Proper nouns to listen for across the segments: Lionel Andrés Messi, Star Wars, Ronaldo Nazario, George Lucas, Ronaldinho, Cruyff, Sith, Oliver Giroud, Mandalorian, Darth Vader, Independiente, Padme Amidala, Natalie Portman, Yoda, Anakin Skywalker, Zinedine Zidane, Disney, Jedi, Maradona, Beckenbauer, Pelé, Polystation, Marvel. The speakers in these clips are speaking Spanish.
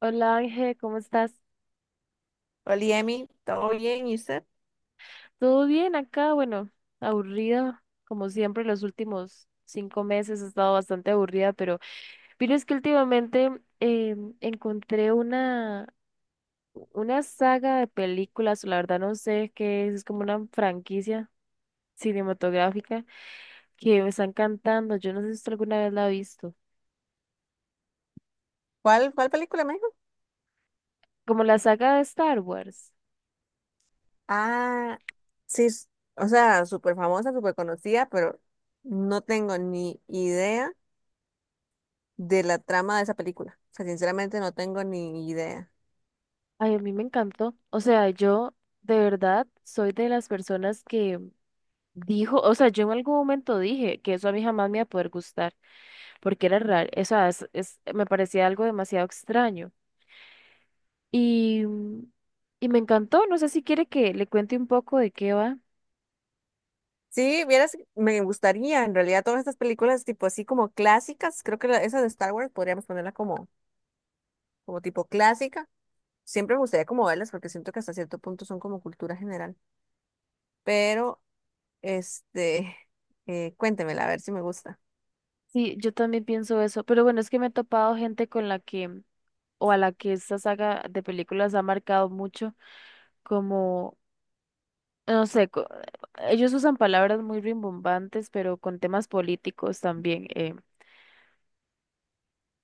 Hola Ángel, ¿cómo estás? Hola, Emi, ¿todo bien? ¿Y usted? ¿Todo bien acá? Bueno, aburrida, como siempre, los últimos 5 meses he estado bastante aburrida, pero es que últimamente eh, encontré una saga de películas, la verdad no sé qué es como una franquicia cinematográfica que me está encantando. Yo no sé si usted alguna vez la ha visto. ¿¿Cuál película me dijo? Como la saga de Star Wars. Ah, sí, o sea, súper famosa, súper conocida, pero no tengo ni idea de la trama de esa película. O sea, sinceramente no tengo ni idea. Ay, a mí me encantó. O sea, yo de verdad soy de las personas que dijo, o sea, yo en algún momento dije que eso a mí jamás me iba a poder gustar, porque era raro, o sea, me parecía algo demasiado extraño. Y, mm, y me encantó, no sé si quiere que le cuente un poco de qué va. Sí, vieras, me gustaría, en realidad, todas estas películas tipo así como clásicas, creo que esa de Star Wars podríamos ponerla como, como tipo clásica. Siempre me gustaría como verlas porque siento que hasta cierto punto son como cultura general. Pero, este, cuéntemela a ver si me gusta. Sí, yo también pienso eso, pero bueno, es que me he topado gente con la que, o a la que esta saga de películas ha marcado mucho, como, no sé, ellos usan palabras muy rimbombantes, pero con temas políticos también.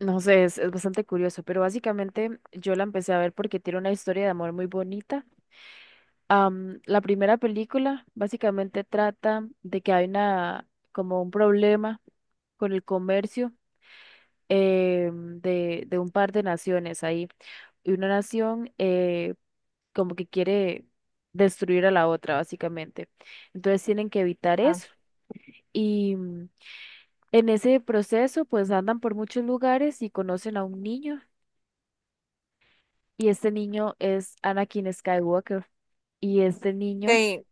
No sé, es bastante curioso, pero básicamente yo la empecé a ver porque tiene una historia de amor muy bonita. La primera película básicamente trata de que hay como un problema con el comercio, de un par de naciones ahí. Y una nación, como que quiere destruir a la otra, básicamente. Entonces tienen que evitar Ah. eso. Y mm, en ese proceso, pues andan por muchos lugares y conocen a un niño. Y este niño es Anakin Skywalker. Y este niño, Ok,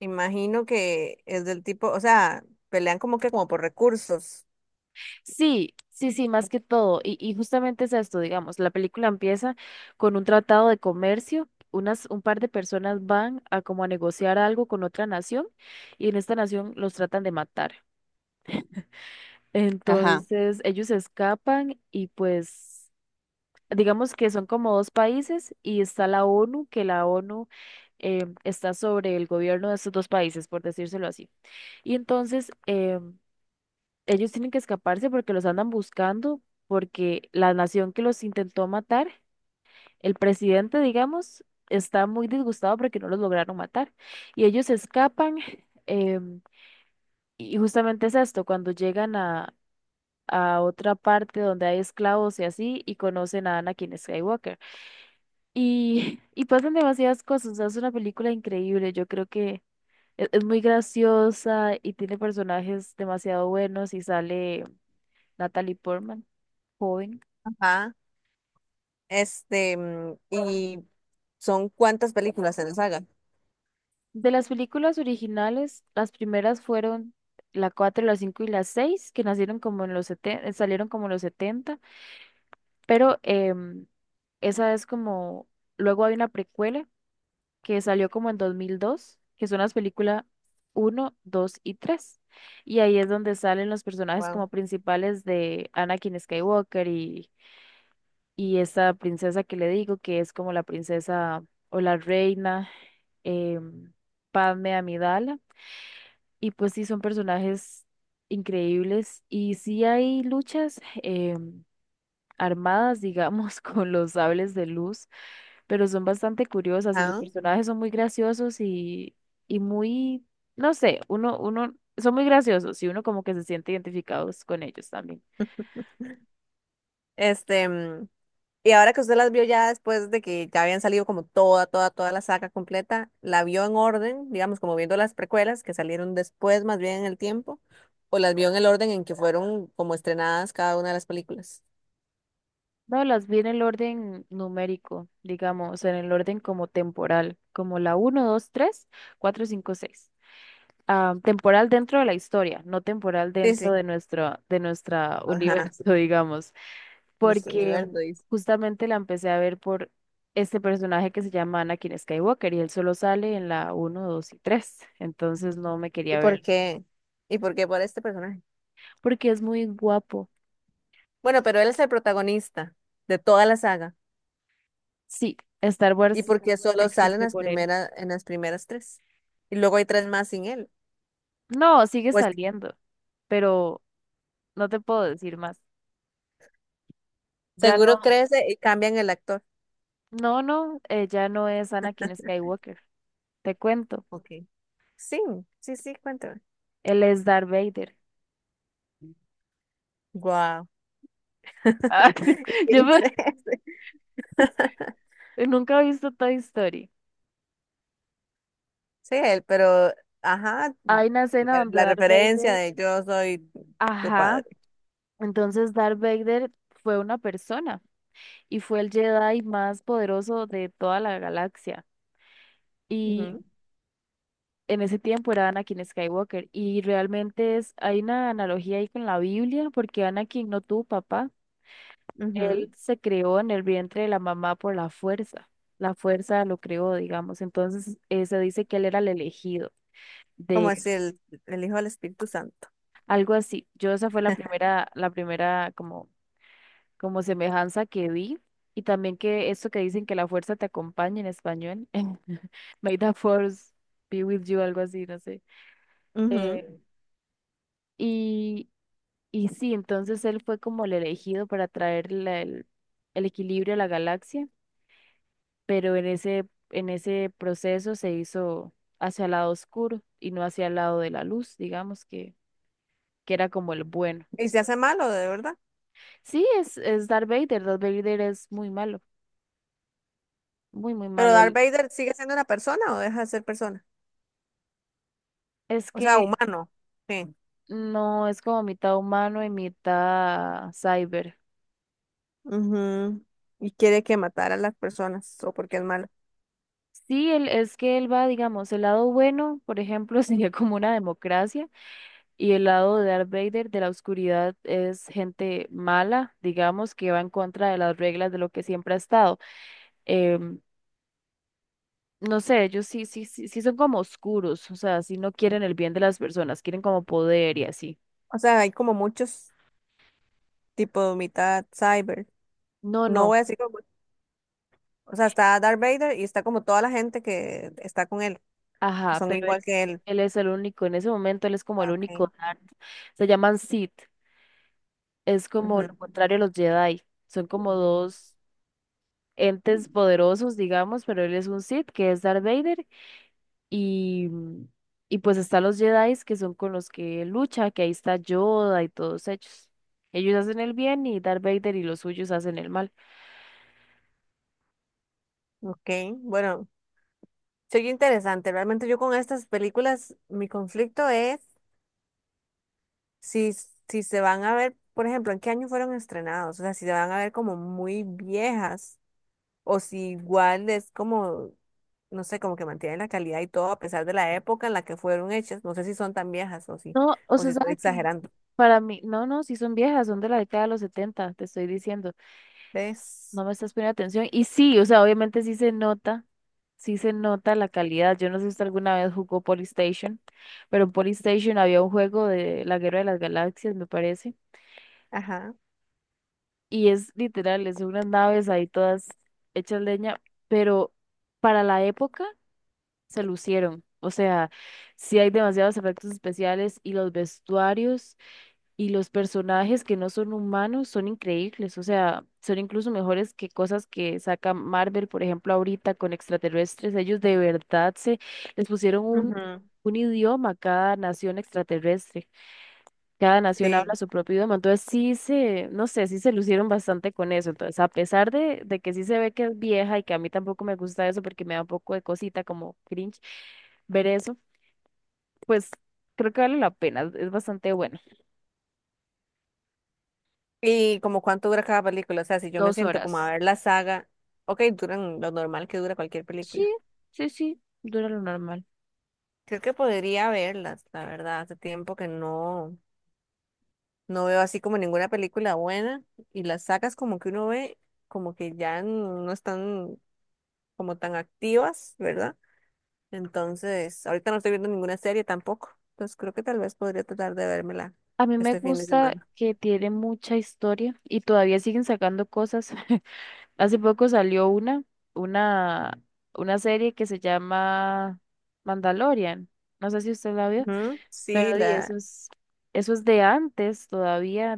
imagino que es del tipo, o sea, pelean como que como por recursos. sí, sí, sí, más que todo. Y justamente es esto, digamos, la película empieza con un tratado de comercio. Un par de personas van a como a negociar algo con otra nación y en esta nación los tratan de matar. Ajá. Entonces ellos escapan y pues digamos que son como dos países y está la ONU, que la ONU, está sobre el gobierno de estos dos países, por decírselo así. Y entonces, ellos tienen que escaparse porque los andan buscando, porque la nación que los intentó matar, el presidente, digamos, está muy disgustado porque no los lograron matar. Y ellos se escapan, em, y justamente es esto, cuando llegan a otra parte donde hay esclavos y así, y conocen a Anakin Skywalker. Y, y pasan demasiadas cosas. O sea, es una película increíble. Es muy graciosa y tiene personajes demasiado buenos y sale Natalie Portman, joven. Ajá. ¿Y son cuántas películas en la saga? De las películas originales, las primeras fueron la 4, la 5 y la 6, que nacieron como en los 70, salieron como en los setenta, pero esa es como, luego hay una precuela que salió como en 2002, que son las películas uno, 2 y tres. Y ahí es donde salen los personajes Wow. como principales de Anakin Skywalker y esta princesa que le digo, que es como la princesa o la reina, em, Padme Amidala. Y pues sí, son personajes increíbles. Y sí hay luchas, armadas, digamos, con los sables de luz, pero son bastante curiosas y los Ajá. personajes son muy graciosos y muy, no sé, uno, son muy graciosos y uno como que se siente identificados con ellos también. Este, mm, y ahora que usted las vio ya después de que ya habían salido como toda, toda, toda la saga completa, ¿la vio en orden, digamos, como viendo las precuelas que salieron después, más bien en el tiempo, o las vio en el orden en que fueron como estrenadas cada una de las películas? No, las vi en el orden numérico, digamos, en el orden como temporal, como la uno, dos, tres, cuatro, cinco, seis. Ah, temporal dentro de la historia, no temporal Sí, dentro sí. de nuestra Ajá. universo, digamos, Nuestro porque universo. justamente la empecé a ver por este personaje que se llama Anakin Skywalker y él solo sale en la uno, 2 y tres, entonces no me ¿Y quería por ver, qué? ¿Y por qué por este personaje? porque es muy guapo. Bueno, pero él es el protagonista de toda la saga. Sí, Star ¿Y Wars por qué solo sale existe por él. En las primeras tres? Y luego hay tres más sin él. No, sigue Pues saliendo, pero no te puedo decir más. Ya no, seguro crece y cambian el actor. no, no, ya no es Anakin Skywalker. Te cuento, Ok. Sí, sí, sí, cuéntame. él es Darth Vader. Wow. Ah, ¿Y yo quién es me- ese? nunca he visto Toy Story. Sí, él, pero, ajá, Hay una escena la, donde la Darth referencia Vader, de yo soy tu ajá, padre. entonces Darth Vader fue una persona y fue el Jedi más poderoso de toda la galaxia. Y Ujú, en ese tiempo era Anakin Skywalker. Y realmente hay una analogía ahí con la Biblia, porque Anakin no tuvo papá. ujú. Él se creó en el vientre de la mamá por la fuerza. La fuerza lo creó, digamos. Entonces, se dice que él era el elegido Como es de el Hijo del Espíritu Santo. algo así. Yo esa fue la primera como, semejanza que vi. Y también que esto que dicen que la fuerza te acompaña en español. May the force be with you, algo así, no sé. Ujú. Eh, y, y sí, entonces él fue como el elegido para traer el equilibrio a la galaxia. Pero en ese proceso se hizo hacia el lado oscuro y no hacia el lado de la luz, digamos que era como el bueno. Y se hace malo, de verdad. Sí, es Darth Vader, Darth Vader es muy malo, muy, muy Pero malo. Darth Él, Vader sigue siendo una persona o deja de ser persona. es O sea, que humano. Sí. no es como mitad humano y mitad cyber. Ujú. ¿Y quiere que matar a las personas o porque es malo? Sí, él, es que él va, digamos, el lado bueno, por ejemplo, sería como una democracia, y el lado de Darth Vader, de la oscuridad, es gente mala, digamos, que va en contra de las reglas de lo que siempre ha estado. em, no sé, ellos sí, sí, sí, sí son como oscuros, o sea, sí no quieren el bien de las personas, quieren como poder y así. O sea, hay como muchos tipos, mitad cyber. No, No no, voy a decir como. O sea, está Darth Vader y está como toda la gente que está con él, que ajá, son pero igual que él. él es el único, en ese momento él es como el Ah, ok. único Darth. Se llaman Sith, es como lo contrario a los Jedi, son como dos entes poderosos, digamos, pero él es un Sith, que es Darth Vader, y, y pues están los Jedi, que son con los que lucha, que ahí está Yoda y todos ellos. Ellos hacen el bien y Darth Vader y los suyos hacen el mal. Ujú. Ok. Bueno, soy interesante. Realmente yo con estas películas, mi conflicto es. Si, si se van a ver, por ejemplo, ¿en qué año fueron estrenados? O sea, si se van a ver como muy viejas o si igual es como, no sé, como que mantienen la calidad y todo a pesar de la época en la que fueron hechas. No sé si son tan viejas No, o o sea, si estoy ¿sabe qué? exagerando. Para mí, no, no, sí son viejas, son de la década de los setenta, te estoy diciendo, ¿Ves? no me estás poniendo atención. Y sí, o sea, obviamente sí se nota la calidad. Yo no sé si usted alguna vez jugó Polystation, pero en Polystation había un juego de la Guerra de las Galaxias, me parece, Ajá. y es literal, es unas naves ahí todas hechas leña, pero para la época se lucieron. O sea, sí hay demasiados efectos especiales y los vestuarios. Y los personajes que no son humanos son increíbles, o sea, son incluso mejores que cosas que saca Marvel, por ejemplo, ahorita con extraterrestres. Ellos de verdad se les pusieron Ujú, un idioma a cada nación extraterrestre. Cada nación habla sí. su propio idioma. Entonces sí se, no sé, sí se lucieron bastante con eso. Entonces, a pesar de que sí se ve que es vieja y que a mí tampoco me gusta eso porque me da un poco de cosita como cringe ver eso, pues creo que vale la pena, es bastante bueno. ¿Y como cuánto dura cada película? O sea, si yo me Dos siento como a horas. ver la saga, ok, duran lo normal que dura cualquier Sí, película. sí, sí, dura lo normal. Creo que podría verlas, la verdad, hace tiempo que no. No veo así como ninguna película buena y las sacas como que uno ve como que ya no están como tan activas, ¿verdad? Entonces, ahorita no estoy viendo ninguna serie tampoco. Entonces creo que tal vez podría tratar de vérmela A mí me este fin de gusta semana. que tiene mucha historia y todavía siguen sacando cosas. Hace poco salió una, una serie que se llama Mandalorian. No sé si usted la vio, Ujú, pero sí, di, la... eso es de antes todavía,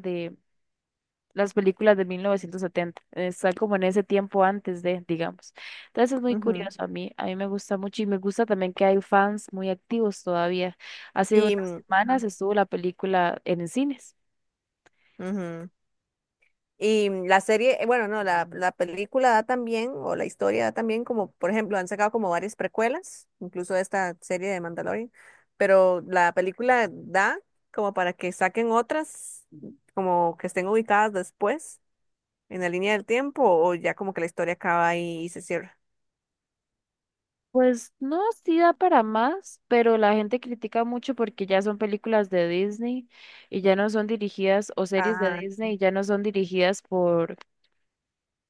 las películas de 1970, está como en ese tiempo antes de, digamos. Entonces es muy ujú. curioso a mí me gusta mucho y me gusta también que hay fans muy activos todavía. Hace unas semanas Ajá, estuvo la película en cines. ujú. Y la serie, bueno, no, la película da también, o la historia da también, como por ejemplo, han sacado como varias precuelas, incluso esta serie de Mandalorian, pero la película da como para que saquen otras, como que estén ubicadas después, en la línea del tiempo, o ya como que la historia acaba ahí y se cierra. Pues no, sí da para más, pero la gente critica mucho porque ya son películas de Disney y ya no son dirigidas, o series de Ah, Disney y ya no son dirigidas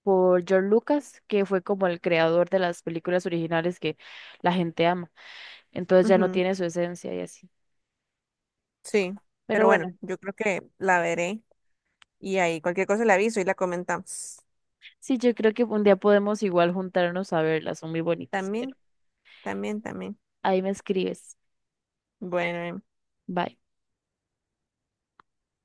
por George Lucas, que fue como el creador de las películas originales que la gente ama. Entonces ya no ujú, tiene su esencia y así. sí, Pero pero bueno, bueno, yo creo que la veré y ahí cualquier cosa le aviso y la comentamos. sí, yo creo que un día podemos igual juntarnos a verlas, son muy bonitas, pero También, también, también. ahí me escribes. Bueno. Bye.